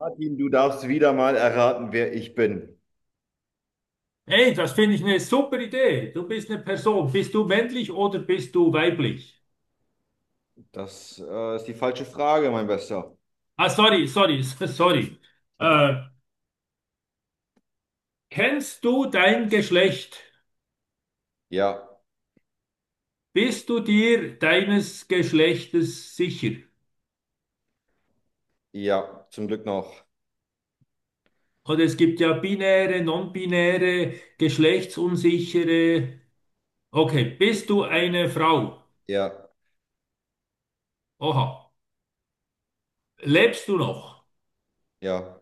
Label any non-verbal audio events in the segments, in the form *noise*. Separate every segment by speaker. Speaker 1: Martin, du darfst wieder mal erraten, wer ich bin.
Speaker 2: Hey, das finde ich eine super Idee. Du bist eine Person. Bist du männlich oder bist du weiblich?
Speaker 1: Das ist die falsche Frage, mein Bester.
Speaker 2: Ah, sorry, sorry, *laughs* sorry. Äh, Kennst du dein Geschlecht?
Speaker 1: Ja,
Speaker 2: Bist du dir deines Geschlechtes sicher?
Speaker 1: ja, zum Glück noch.
Speaker 2: Und es gibt ja binäre, non-binäre, geschlechtsunsichere. Okay, bist du eine Frau?
Speaker 1: Ja,
Speaker 2: Oha. Lebst du noch?
Speaker 1: ja,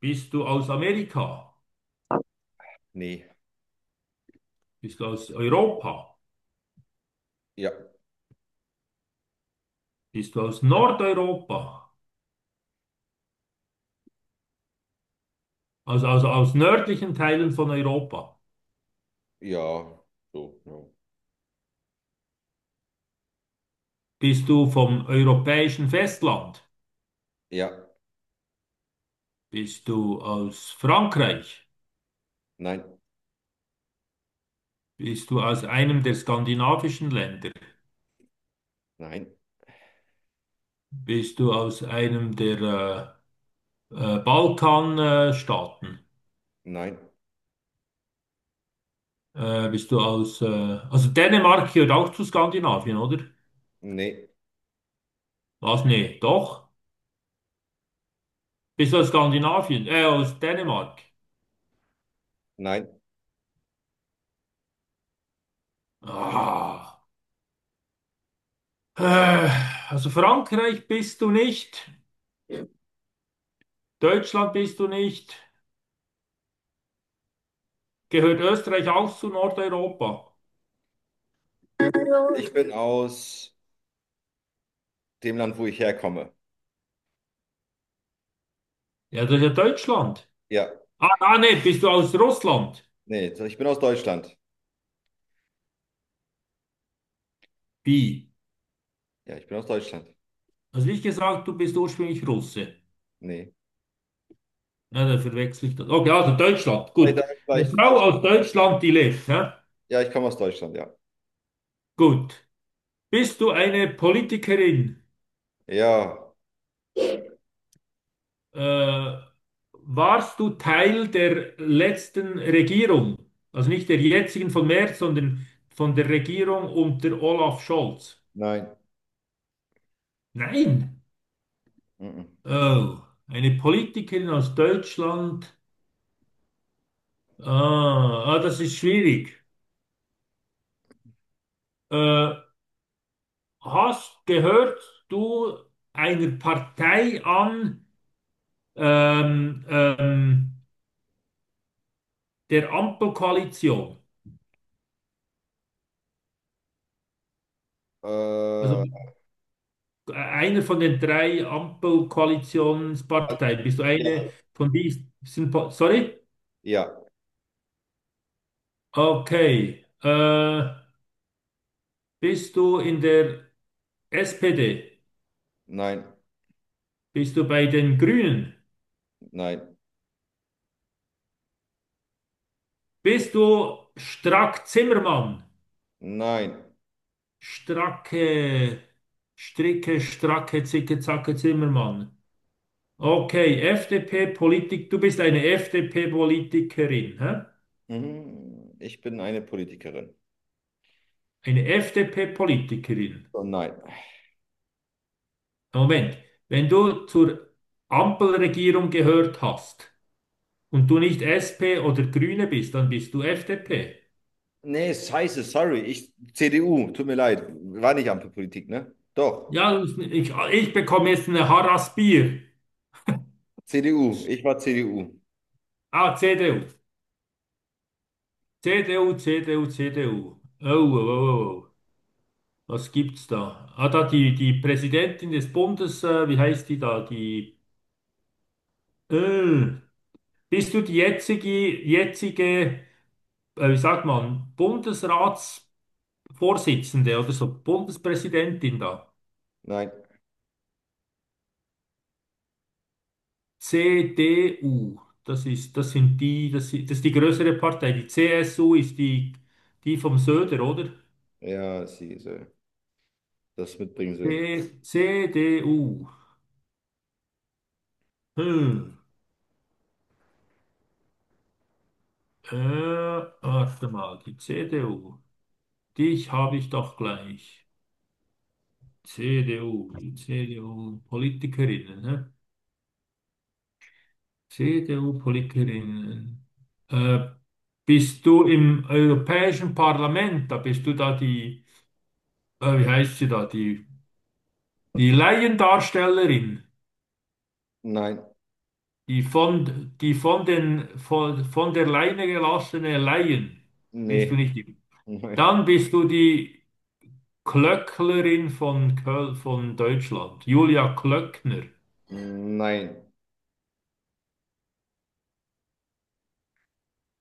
Speaker 2: Bist du aus Amerika?
Speaker 1: nee.
Speaker 2: Bist du aus Europa?
Speaker 1: Ja,
Speaker 2: Bist du aus Nordeuropa? Also aus nördlichen Teilen von Europa.
Speaker 1: ja, so, no.
Speaker 2: Bist du vom europäischen Festland?
Speaker 1: Ja,
Speaker 2: Bist du aus Frankreich?
Speaker 1: nein,
Speaker 2: Bist du aus einem der skandinavischen Länder?
Speaker 1: nein,
Speaker 2: Bist du aus einem der Balkanstaaten? Staaten?
Speaker 1: nein,
Speaker 2: Bist du aus... also Dänemark gehört auch zu Skandinavien, oder?
Speaker 1: nee,
Speaker 2: Was? Nee, doch. Bist du aus Skandinavien? Aus Dänemark.
Speaker 1: nein.
Speaker 2: Ah. Äh, also Frankreich bist du nicht. Deutschland bist du nicht. Gehört Österreich auch zu Nordeuropa?
Speaker 1: Ich bin aus dem Land, wo ich herkomme.
Speaker 2: Ja, das ist ja Deutschland.
Speaker 1: Ja,
Speaker 2: Ah, ah, nee, bist du aus Russland?
Speaker 1: nee, so, ich bin aus Deutschland.
Speaker 2: Wie?
Speaker 1: Ja, ich bin aus Deutschland.
Speaker 2: Also wie gesagt, du bist ursprünglich Russe.
Speaker 1: Nee.
Speaker 2: Ja, da verwechsel ich das. Okay, also Deutschland, gut.
Speaker 1: Vielleicht,
Speaker 2: Eine
Speaker 1: vielleicht
Speaker 2: Frau
Speaker 1: falsch.
Speaker 2: aus Deutschland, die lebt, ja?
Speaker 1: Ja, ich komme aus Deutschland, ja.
Speaker 2: Gut. Bist du eine Politikerin?
Speaker 1: Ja,
Speaker 2: Äh, warst du Teil der letzten Regierung? Also nicht der jetzigen von März, sondern von der Regierung unter Olaf Scholz?
Speaker 1: nein.
Speaker 2: Nein.
Speaker 1: Mhm.
Speaker 2: Oh, eine Politikerin aus Deutschland. Ah, ah, das ist schwierig. Äh, hast gehört du einer Partei an ähm, ähm, der Ampelkoalition? Also
Speaker 1: Also,
Speaker 2: einer von den drei Ampelkoalitionsparteien. Bist du
Speaker 1: ja,
Speaker 2: eine von diesen? Sorry?
Speaker 1: ja.
Speaker 2: Okay. Bist du in der SPD?
Speaker 1: Nein,
Speaker 2: Bist du bei den Grünen?
Speaker 1: nein,
Speaker 2: Bist du Strack Zimmermann?
Speaker 1: nein.
Speaker 2: Stracke, Stricke, Stracke, Zicke, Zacke, Zimmermann. Okay, FDP-Politik, du bist eine FDP-Politikerin, hä?
Speaker 1: Mhm. Ich bin eine Politikerin.
Speaker 2: Eine FDP-Politikerin.
Speaker 1: Oh nein.
Speaker 2: Moment, wenn du zur Ampelregierung gehört hast und du nicht SP oder Grüne bist, dann bist du FDP.
Speaker 1: Nee, scheiße, sorry. Ich, CDU, tut mir leid. War nicht Ampel Politik, ne? Doch.
Speaker 2: Ja, ich bekomme jetzt eine Harass-Bier.
Speaker 1: CDU. Ich war CDU.
Speaker 2: Ah, CDU. CDU, CDU, CDU. Oh, oh, oh, oh. Was gibt's da? Ah, da die Präsidentin des Bundes, wie heißt die da? Die, äh, bist du die jetzige, wie sagt man, Bundesratsvorsitzende oder so, Bundespräsidentin da?
Speaker 1: Nein.
Speaker 2: CDU, das ist die größere Partei. Die CSU ist die vom Söder, oder?
Speaker 1: Ja, sie soll das mitbringen soll.
Speaker 2: C, CDU. Hm. Äh, warte mal, die CDU. Dich habe ich doch gleich. CDU, die CDU-Politikerinnen, ne? CDU-Politikerinnen. Äh, bist du im Europäischen Parlament, da bist du da wie heißt sie da, die Laiendarstellerin,
Speaker 1: Nein.
Speaker 2: die von, von der Leine gelassene Laien. Bist du
Speaker 1: Nee.
Speaker 2: nicht die?
Speaker 1: Nein.
Speaker 2: Dann bist du die. Klöcklerin von Köl von Deutschland, Julia Klöckner,
Speaker 1: Nein.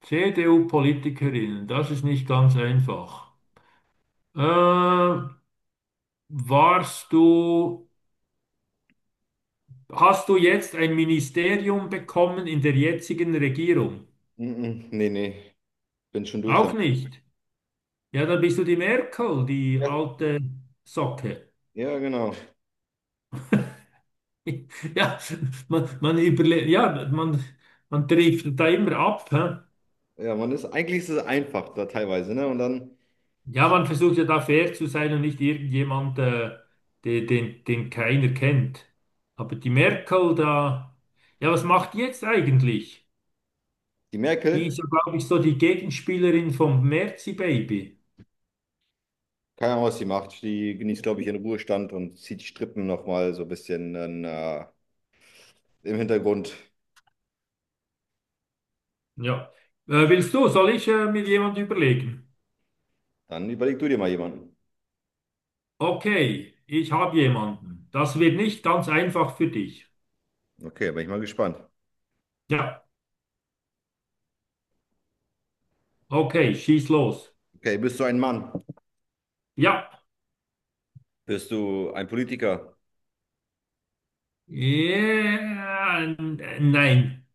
Speaker 2: CDU-Politikerin, das ist nicht ganz einfach. Äh, warst du, hast du jetzt ein Ministerium bekommen in der jetzigen Regierung?
Speaker 1: Mhm. Nee, nee. Bin schon durch
Speaker 2: Auch
Speaker 1: damit.
Speaker 2: nicht. Ja, dann bist du die Merkel, die
Speaker 1: Ja,
Speaker 2: alte Socke. *laughs*
Speaker 1: ja, genau.
Speaker 2: Ja, man überle ja, man trifft da immer ab. Hä?
Speaker 1: Ja, man ist, eigentlich ist es einfach da teilweise, ne? Und dann
Speaker 2: Ja, man versucht ja da fair zu sein und nicht irgendjemand, den keiner kennt. Aber die Merkel da, ja, was macht die jetzt eigentlich?
Speaker 1: die
Speaker 2: Die
Speaker 1: Merkel.
Speaker 2: ist ja, glaube ich, so die Gegenspielerin vom Merzi-Baby.
Speaker 1: Keine Ahnung, was die macht. Die genießt, glaube ich, ihren Ruhestand und zieht die Strippen nochmal so ein bisschen dann, im Hintergrund.
Speaker 2: Ja. Willst du, soll ich mir jemand überlegen?
Speaker 1: Dann überleg du dir mal jemanden.
Speaker 2: Okay, ich habe jemanden. Das wird nicht ganz einfach für dich.
Speaker 1: Okay, bin ich mal gespannt.
Speaker 2: Ja, okay, schieß los.
Speaker 1: Okay, bist du ein Mann?
Speaker 2: Ja.
Speaker 1: Bist du ein Politiker?
Speaker 2: Nein.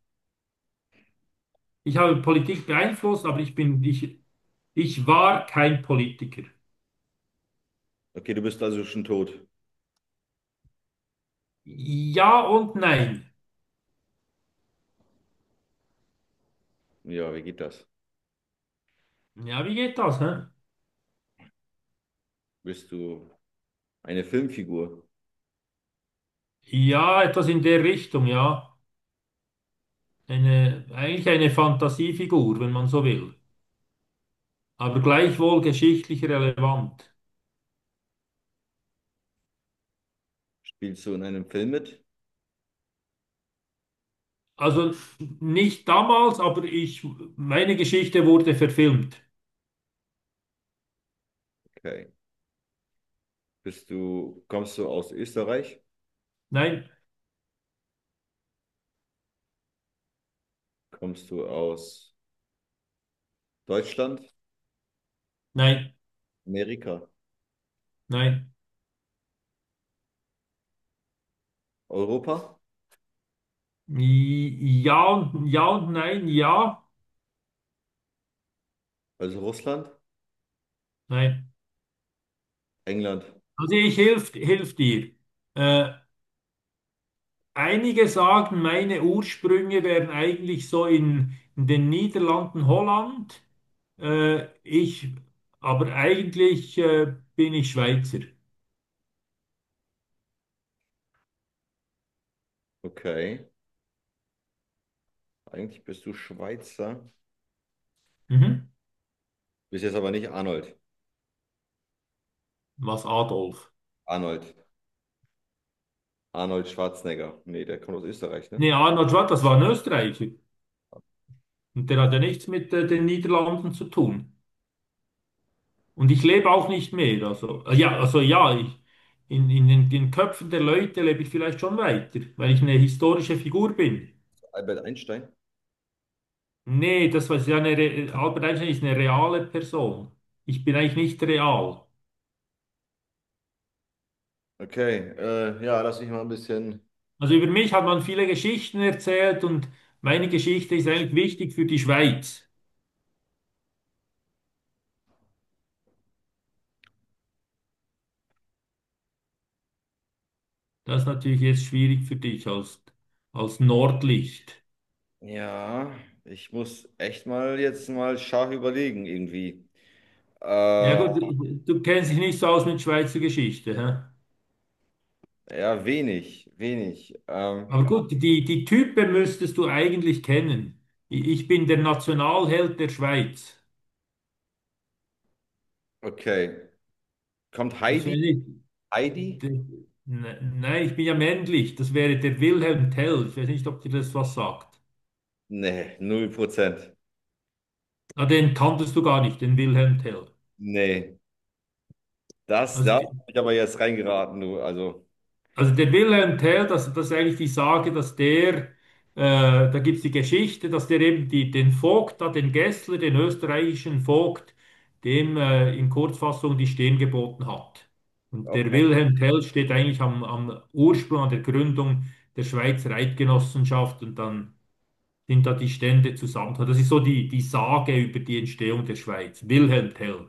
Speaker 2: Ich habe Politik beeinflusst, aber ich bin nicht. Ich war kein Politiker.
Speaker 1: Okay, du bist also schon tot.
Speaker 2: Ja und nein.
Speaker 1: Ja, wie geht das?
Speaker 2: Ja, wie geht das? Hä?
Speaker 1: Bist du eine Filmfigur?
Speaker 2: Ja, etwas in der Richtung, ja. Eigentlich eine Fantasiefigur, wenn man so will. Aber gleichwohl geschichtlich relevant.
Speaker 1: Spielst du in einem Film mit?
Speaker 2: Also nicht damals, aber meine Geschichte wurde verfilmt.
Speaker 1: Okay. Bist du, kommst du aus Österreich?
Speaker 2: Nein,
Speaker 1: Kommst du aus Deutschland?
Speaker 2: nein,
Speaker 1: Amerika?
Speaker 2: nein.
Speaker 1: Europa?
Speaker 2: Ja und, ja und nein, ja,
Speaker 1: Also Russland?
Speaker 2: nein.
Speaker 1: England?
Speaker 2: Also ich hilft, hilft dir. Äh, Einige sagen, meine Ursprünge wären eigentlich so in den Niederlanden, Holland. Äh, ich, aber eigentlich bin ich Schweizer.
Speaker 1: Okay. Eigentlich bist du Schweizer.
Speaker 2: Mhm.
Speaker 1: Bist jetzt aber nicht Arnold.
Speaker 2: Was Adolf?
Speaker 1: Arnold. Arnold Schwarzenegger. Nee, der kommt aus Österreich, ne?
Speaker 2: Nee, Arnold Schwarz, das war ein Österreicher. Und der hat ja nichts mit den Niederlanden zu tun. Und ich lebe auch nicht mehr. Also, in, den Köpfen der Leute lebe ich vielleicht schon weiter, weil ich eine historische Figur bin.
Speaker 1: Albert Einstein.
Speaker 2: Nee, das war ja Albert Einstein ist eine reale Person. Ich bin eigentlich nicht real.
Speaker 1: Okay, ja, lass mich mal ein bisschen.
Speaker 2: Also über mich hat man viele Geschichten erzählt und meine Geschichte ist eigentlich wichtig für die Schweiz. Das ist natürlich jetzt schwierig für als Nordlicht.
Speaker 1: Ja, ich muss echt mal jetzt mal scharf überlegen, irgendwie.
Speaker 2: Ja
Speaker 1: Äh,
Speaker 2: gut, du kennst dich nicht so aus mit Schweizer Geschichte. Hä?
Speaker 1: ja, wenig, wenig.
Speaker 2: Aber gut, die Typen müsstest du eigentlich kennen. Ich bin der Nationalheld der Schweiz.
Speaker 1: Okay. Kommt
Speaker 2: Ich
Speaker 1: Heidi?
Speaker 2: weiß nicht.
Speaker 1: Heidi?
Speaker 2: De- Nein, ich bin ja männlich. Das wäre der Wilhelm Tell. Ich weiß nicht, ob dir das was sagt.
Speaker 1: Nee, 0%.
Speaker 2: Na, den kanntest du gar nicht, den Wilhelm Tell.
Speaker 1: Nee. Das,
Speaker 2: Also,
Speaker 1: da hab
Speaker 2: die-
Speaker 1: ich aber jetzt reingeraten, du. Also.
Speaker 2: also der Wilhelm Tell, das ist eigentlich die Sage, dass da gibt es die Geschichte, dass der eben den Vogt, da, den Gessler, den österreichischen Vogt, dem in Kurzfassung die Stirn geboten hat. Und der
Speaker 1: Oh,
Speaker 2: Wilhelm Tell steht eigentlich am Ursprung, an der Gründung der Schweizer Eidgenossenschaft und dann sind da die Stände zusammengekommen. Das ist so die Sage über die Entstehung der Schweiz. Wilhelm Tell.